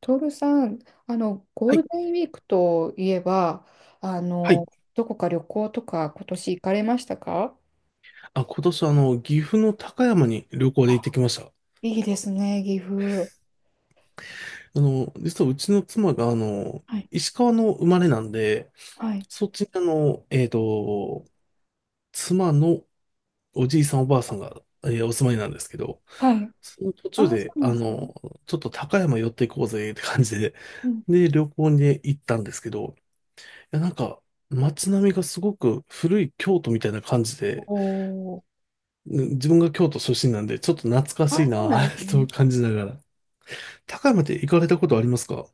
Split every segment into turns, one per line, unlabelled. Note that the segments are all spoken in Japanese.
トールさん、ゴー
は
ル
い。
デンウィークといえば、あ
はい。
の、どこか旅行とか今年行かれましたか？
あ、今年、岐阜の高山に旅行で
あ、
行ってきました。
いいですね、岐阜。
実はうちの妻が、
はい、
石川の生まれなんで、
はい、
そっちに、妻のおじいさんおばあさんが、お住まいなんですけど、
はい。
その途中
あ、そ
で、
うなんですね。
ちょっと高山寄っていこうぜって感じで、
うん。
で、旅行に行ったんですけど、いや、なんか、街並みがすごく古い京都みたいな感じで、
おー。
うん、自分が京都出身なんで、ちょっと懐か
あ
しい
あ、そうなんで
な
す
と
ね。
感じながら高山って行かれたことありますか？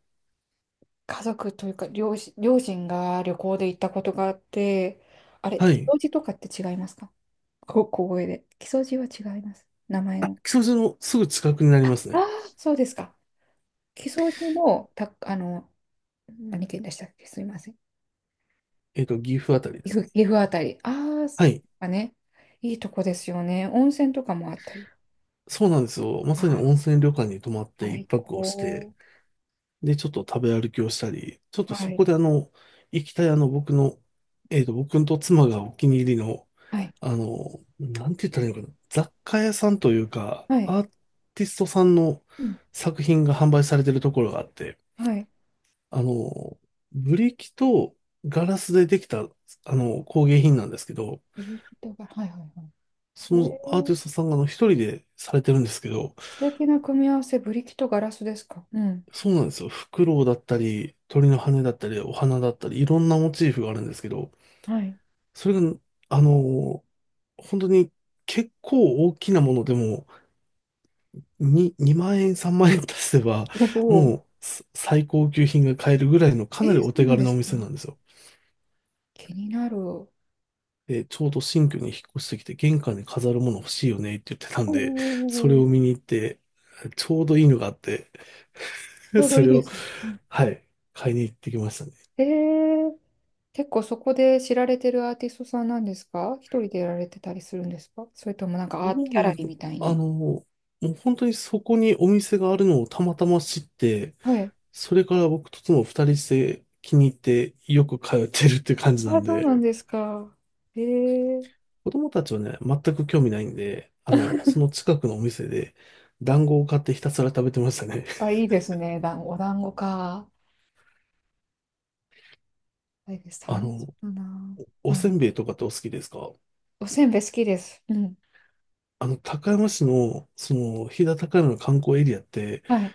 家族というか、両親が旅行で行ったことがあって、あれ、
は
木
い。
曽路とかって違いますか？こ小声で。木曽路は違います。名前の。
木曽路のすぐ近くになり
あ
ますね。
あ、そうですか。木曽路の、た、あの、何県でしたっけ？すいません。
岐阜あたりで
岐
すか
阜、
ね。
岐阜あたり。ああ、そっ
はい。
かね。いいとこですよね。温泉とかもあったり。
そうなんですよ。ま
あ
さに温
あ、
泉旅館に泊まって一
最
泊をして、
高。
で、ちょっと食べ歩きをしたり、ちょっと
は
そ
い。
こで行きたいあの、僕の、えっと、僕と妻がお気に入りの、
はい。
なんて言ったらいいのかな。雑貨屋さんというか、
はい。
アーティストさんの
うん。
作品が販売されてるところがあって、
はい。
あの、ブリキとガラスでできた、工芸品なんですけど、
ブリキとガラス、はいはいはい。
そ
え
のアーテ
ー、
ィストさんが一人でされてるんですけど、
素敵な組み合わせ、ブリキとガラスですか。うん。
そうなんですよ。フクロウだったり、鳥の羽だったり、お花だったり、いろんなモチーフがあるんですけど、
はい。
それが、あの、本当に結構大きなものでも、2万円、3万円足せば、
お
も
お。
うす最高級品が買えるぐらいのか
え
なり
ー、そ
お
う
手
なん
軽
で
なお
す
店
か。
なんですよ。
気になる。お
で、ちょうど新居に引っ越してきて、玄関に飾るもの欲しいよねって言ってたんで、それ
お。
を見に行って、ちょうどいいのがあって、
ち ょうど
そ
いい
れ
で
を、
すね。うん。
はい、買いに行ってきましたね。
えー、結構そこで知られてるアーティストさんなんですか？一人でやられてたりするんですか？それともなんか
ど
アートギ
う
ャ
な
ラ
んだ
リー
ろう
みたいに。
もう本当にそこにお店があるのをたまたま知って、
はい。
それから僕と妻二人して気に入ってよく通ってるっていう感じな
あ、
ん
そうな
で、
んですか。ええ。
子供たちはね、全く興味ないんで、その近くのお店で団子を買ってひたすら食べてましたね。
あ、いいですね。お団子か。はいです。
あ
楽し
の、
そうだな。
お
は
せ
い。
んべいとかってお好きですか？
おせんべい好きです。うん。
高山市の、飛騨高山の観光エリアって、
はい。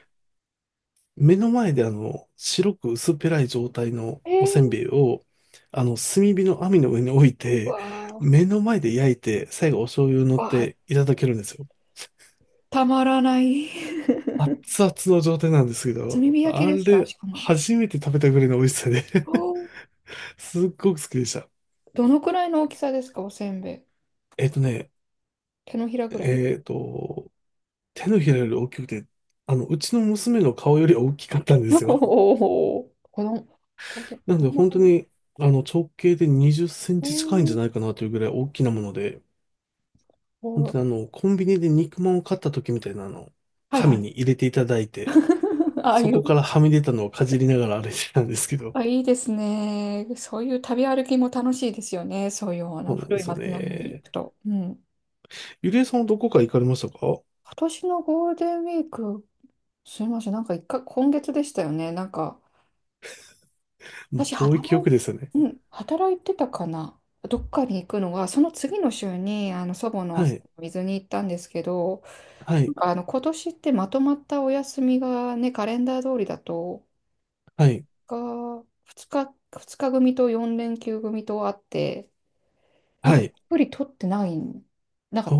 目の前で白く薄っぺらい状態のおせん
え
べ
え。
いを、炭火の網の上に置いて、
わあ、
目の前で焼いて、最後お醤油を乗っ
わあ、
ていただけるんですよ。
たまらない。
熱々の状態なんですけど、
炭火焼き
あ
ですか？
れ、
しかも。
初めて食べたぐらいの美味しさで
おー。
すっごく好きでした。
どのくらいの大きさですか？おせんべい。
えっとね、
手のひらぐらい。
えっと、手のひらより大きくて、うちの娘の顔より大きかったんですよ。
おお、子供、子
なんで本当
供、
に、直径で20セン
え
チ近いんじゃ
ー、
ないかなというぐらい大きなもので、本当
お、
にコンビニで肉まんを買った時みたいな
はいは
紙
い。
に入れていただいて、
ああ
そ
いう、
こからはみ出たのをかじりながら歩いてたんですけど、
あ、いいですね。そういう旅歩きも楽しいですよね。そういうあの
そうなん
古
で
い
すよ
街並みに行
ね。
くと。うん。
ゆりえさんはどこか行かれましたか？も
今年のゴールデンウィーク、すみません。なんか一回、今月でしたよね。なんか、
う
私
遠い記
働い、
憶ですよね。
うん、働いてたかな。どっかに行くのが、その次の週に、祖母の
はい、
水に行ったんですけど、
は
なん
い、
か今年ってまとまったお休みがね、カレンダー通りだと、
はい、
が、2日、2日組と4連休組とあって、なん
は
か、たっ
い。
ぷり取ってない。なん
お
か、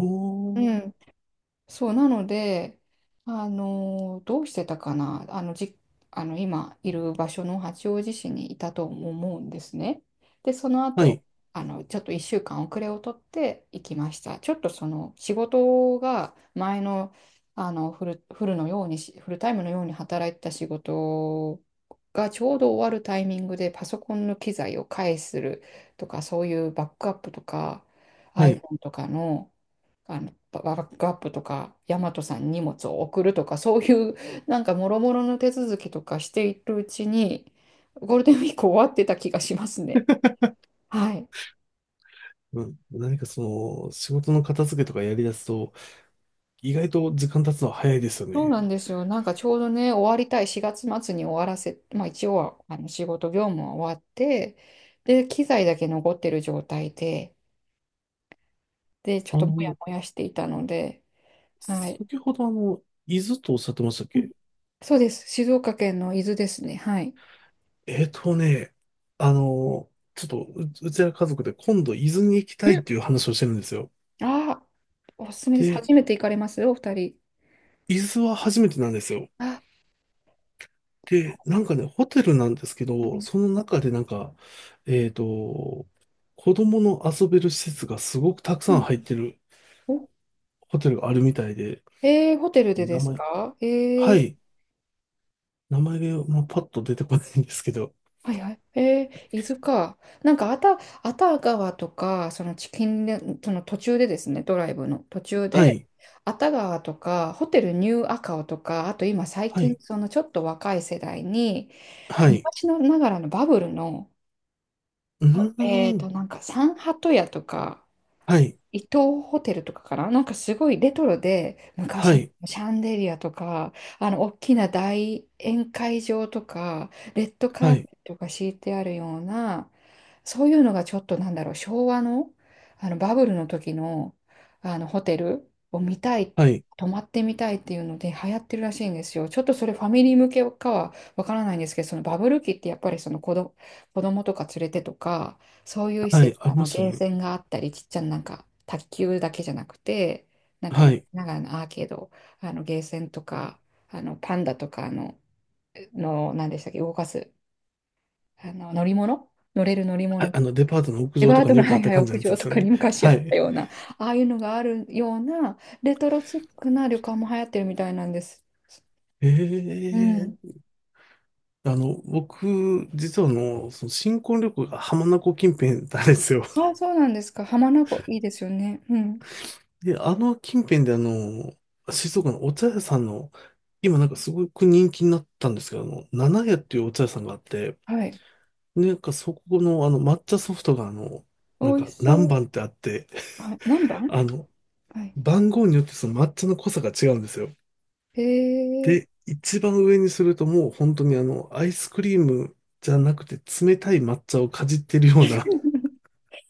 う
ー、
ん、そう、なので、どうしてたかな、あの、じ、あの、今いる場所の八王子市にいたと思うんですね。で、その
は
後、
い、
ちょっと1週間遅れを取って行きました。ちょっとその仕事が前の、フルタイムのように働いてた仕事がちょうど終わるタイミングでパソコンの機材を返するとか、そういうバックアップとか
はい。
iPhone とかの、ババックアップとか、ヤマトさんに荷物を送るとか、そういう、なんか、もろもろの手続きとかしているうちに、ゴールデンウィーク終わってた気がしますね。はい。
うん、何か仕事の片付けとかやりだすと、意外と時間経つのは早いですよ
そう
ね。
なんですよ。なんか、ちょうどね、終わりたい、4月末に終わらせ、まあ、一応は、仕事業務は終わって、で、機材だけ残ってる状態で、で、ちょっ
あ
ともや
の、
もやしていたので、はい。
先ほど伊豆とおっしゃってましたっ
うん。
け？
そうです。静岡県の伊豆ですね。はい。
えーとね、ちょっとうちら家族で今度伊豆に行き
う
たい
ん。
っていう話をしてるんですよ。
ああ、おすすめです。
で、
初めて行かれますお二人？
伊豆は初めてなんですよ。
あ、
で、なんかね、ホテルなんですけ
は
ど、
い。
その中でなんか、えーと、子供の遊べる施設がすごくたく
う
さん
ん。
入ってる
お、
ホテルがあるみたいで、
えー、ホテルでで
名
す
前、
か？
はい、名前が、まあ、パッと出てこないんですけど、
はいはい。伊豆か。なんか、あた川とか、そのチキンレ、その途中でですね、ドライブの途中
は
で、
い、
あた川とか、ホテルニューアカオとか、あと今最
は
近、
い、
そのちょっと若い世代に、
はい、
昔のながらのバブルの、
うーん、
なんか、サンハト屋とか、
はい、
伊東ホテルとかかな、なんかすごいレトロで、
は
昔
い。
のシャンデリアとか、大きな大宴会場とか、レッド
は
カーペ
い、
ットが敷いてあるような、そういうのがちょっとなんだろう、昭和の、あのバブルの時の、あのホテルを見たい、
はい、
泊まってみたいっていうので流行ってるらしいんですよ。ちょっとそれファミリー向けかはわからないんですけど、そのバブル期ってやっぱり子供とか連れてとか、そういう施
はい、
設、
ありますよ
ゲー
ね。
センがあったり、ちっちゃななんか、卓球だけじゃなくて、なんか、
はい。
ながらのアーケード、ゲーセンとか、あのパンダとか何でしたっけ、動かす、乗り物、乗れる乗り
はい、
物、
デパートの屋
レ
上
バ
と
ー
か
ド
に
の
よく
ハ
あっ
イハ
た
イ
感じ
屋
のやつで
上と
すよ
かに
ね。
昔あ
は
った
い。
ような、ああいうのがあるような、レトロチックな旅館も流行ってるみたいなんです。
え
うん。
えあの、僕、実はその新婚旅行が浜名湖近辺なんですよ。
ああ、そうなんですか。浜名湖、いいですよね。うん。
で、あの近辺で静岡のお茶屋さんの、今なんかすごく人気になったんですけど、七屋っていうお茶屋さんがあって、
はい。
でなんかそこの抹茶ソフトが
美
なん
味
か
しそ
何番っ
う。
てあって、
はい。何番。
あの、
はい。
番号によってその抹茶の濃さが違うんですよ。
へえ。
で、一番上にするともう本当にアイスクリームじゃなくて冷たい抹茶をかじってるような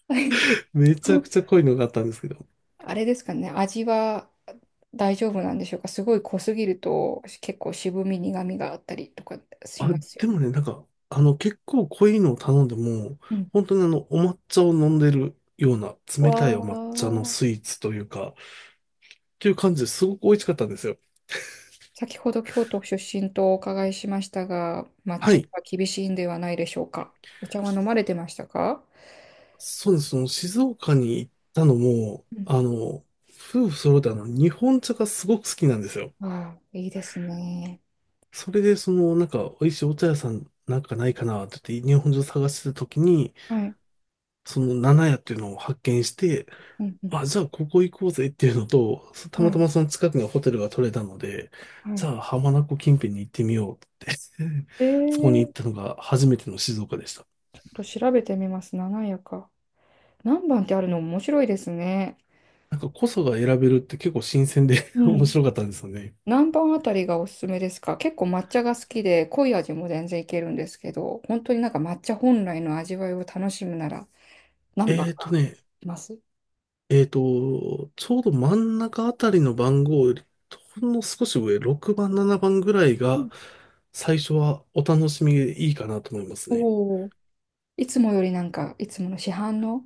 めちゃくちゃ濃いのがあったんですけど。
あれですかね、味は大丈夫なんでしょうか。すごい濃すぎると結構渋み、苦みがあったりとかし
あ、
ますよ
で
ね。
もね、なんか、結構濃いのを頼んでも、
うん。
本当にお抹茶を飲んでるような
わ
冷たいお抹茶のス
あ。
イーツというか、っていう感じですごく美味しかったんですよ。
先ほど京都出身とお伺いしましたが、抹
は
茶
い。
は厳しいんではないでしょうか。お茶は飲まれてましたか？
そうです。その静岡に行ったのも、
うん。
夫婦揃って日本茶がすごく好きなんですよ。
ああ、いいですね。
それで、なんか、美味しいお茶屋さんなんかないかなって言って、日本中探してた時に、
はい。
七屋っていうのを発見して、
うんうん。
あ、じゃあ、ここ行こうぜっていうのと、そた
は
また
い。
まその近くにホテルが取れたので、
は
じ
い。
ゃあ、浜名湖近辺に行ってみようって そこに行っ
ち
たのが初めての静岡でした。
ょっと調べてみます。七夜か。何番ってあるの面白いですね。
なんか、こそが選べるって結構新鮮で
う
面
ん。
白かったんですよね。
何番あたりがおすすめですか？結構抹茶が好きで、濃い味も全然いけるんですけど、本当になんか抹茶本来の味わいを楽しむなら、何番
えーと
が
ね、
います？
えっと、ちょうど真ん中あたりの番号より、ほんの少し上、6番、7番ぐらいが、最初はお楽しみでいいかなと思いますね。
おおー。いつもよりなんか、いつもの市販の、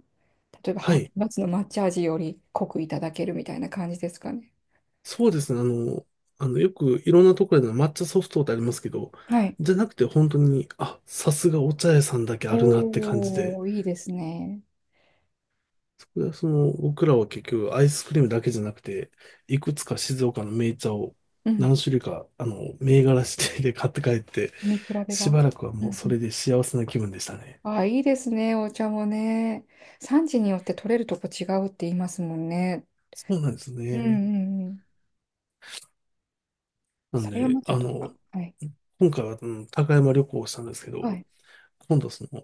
例えばハ
は
ーフ
い。
8ツの抹茶味より濃くいただけるみたいな感じですかね。
そうですね。よくいろんなところで抹茶ソフトってありますけど、
はい。
じゃなくて本当に、あ、さすがお茶屋さんだけあるなって感じ
お
で、
お、いいですね。
そこで僕らは結局アイスクリームだけじゃなくて、いくつか静岡の銘茶を
うん。
何種類か、銘柄指定で買って帰って、
飲み比べ
し
が。
ばらくは
う
もう
んう
それ
ん。
で幸せな気分でしたね。
ああ、いいですね、お茶もね。産地によって取れるとこ違うって言いますもんね。
そうなんです
うんう
ね。
んうん。
なん
狭山
で、
町とか。はい。
今回は、うん、高山旅行をしたんですけど、
はい。
今度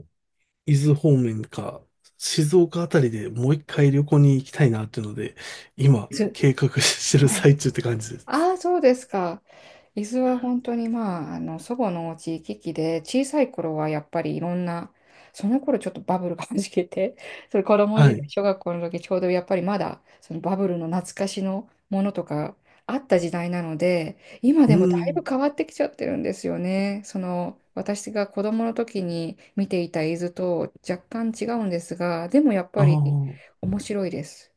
伊豆方面か、静岡あたりでもう一回旅行に行きたいなっていうので、今、
伊豆。
計画してる
はい。
最中って感じで
あ
す。
あ、そうですか。伊豆は本当にまあ、祖母のお家行き来で、小さい頃はやっぱりいろんな、その頃ちょっとバブルがはじけて、それ子供
は
時
い。
代、
う
小学校の時ちょうどやっぱりまだ、そのバブルの懐かしのものとかあった時代なので、今
ー
でもだいぶ
ん。
変わってきちゃってるんですよね。その、私が子供の時に見ていた伊豆と若干違うんですが、でもやっ
あ
ぱり
あ。
面白いです。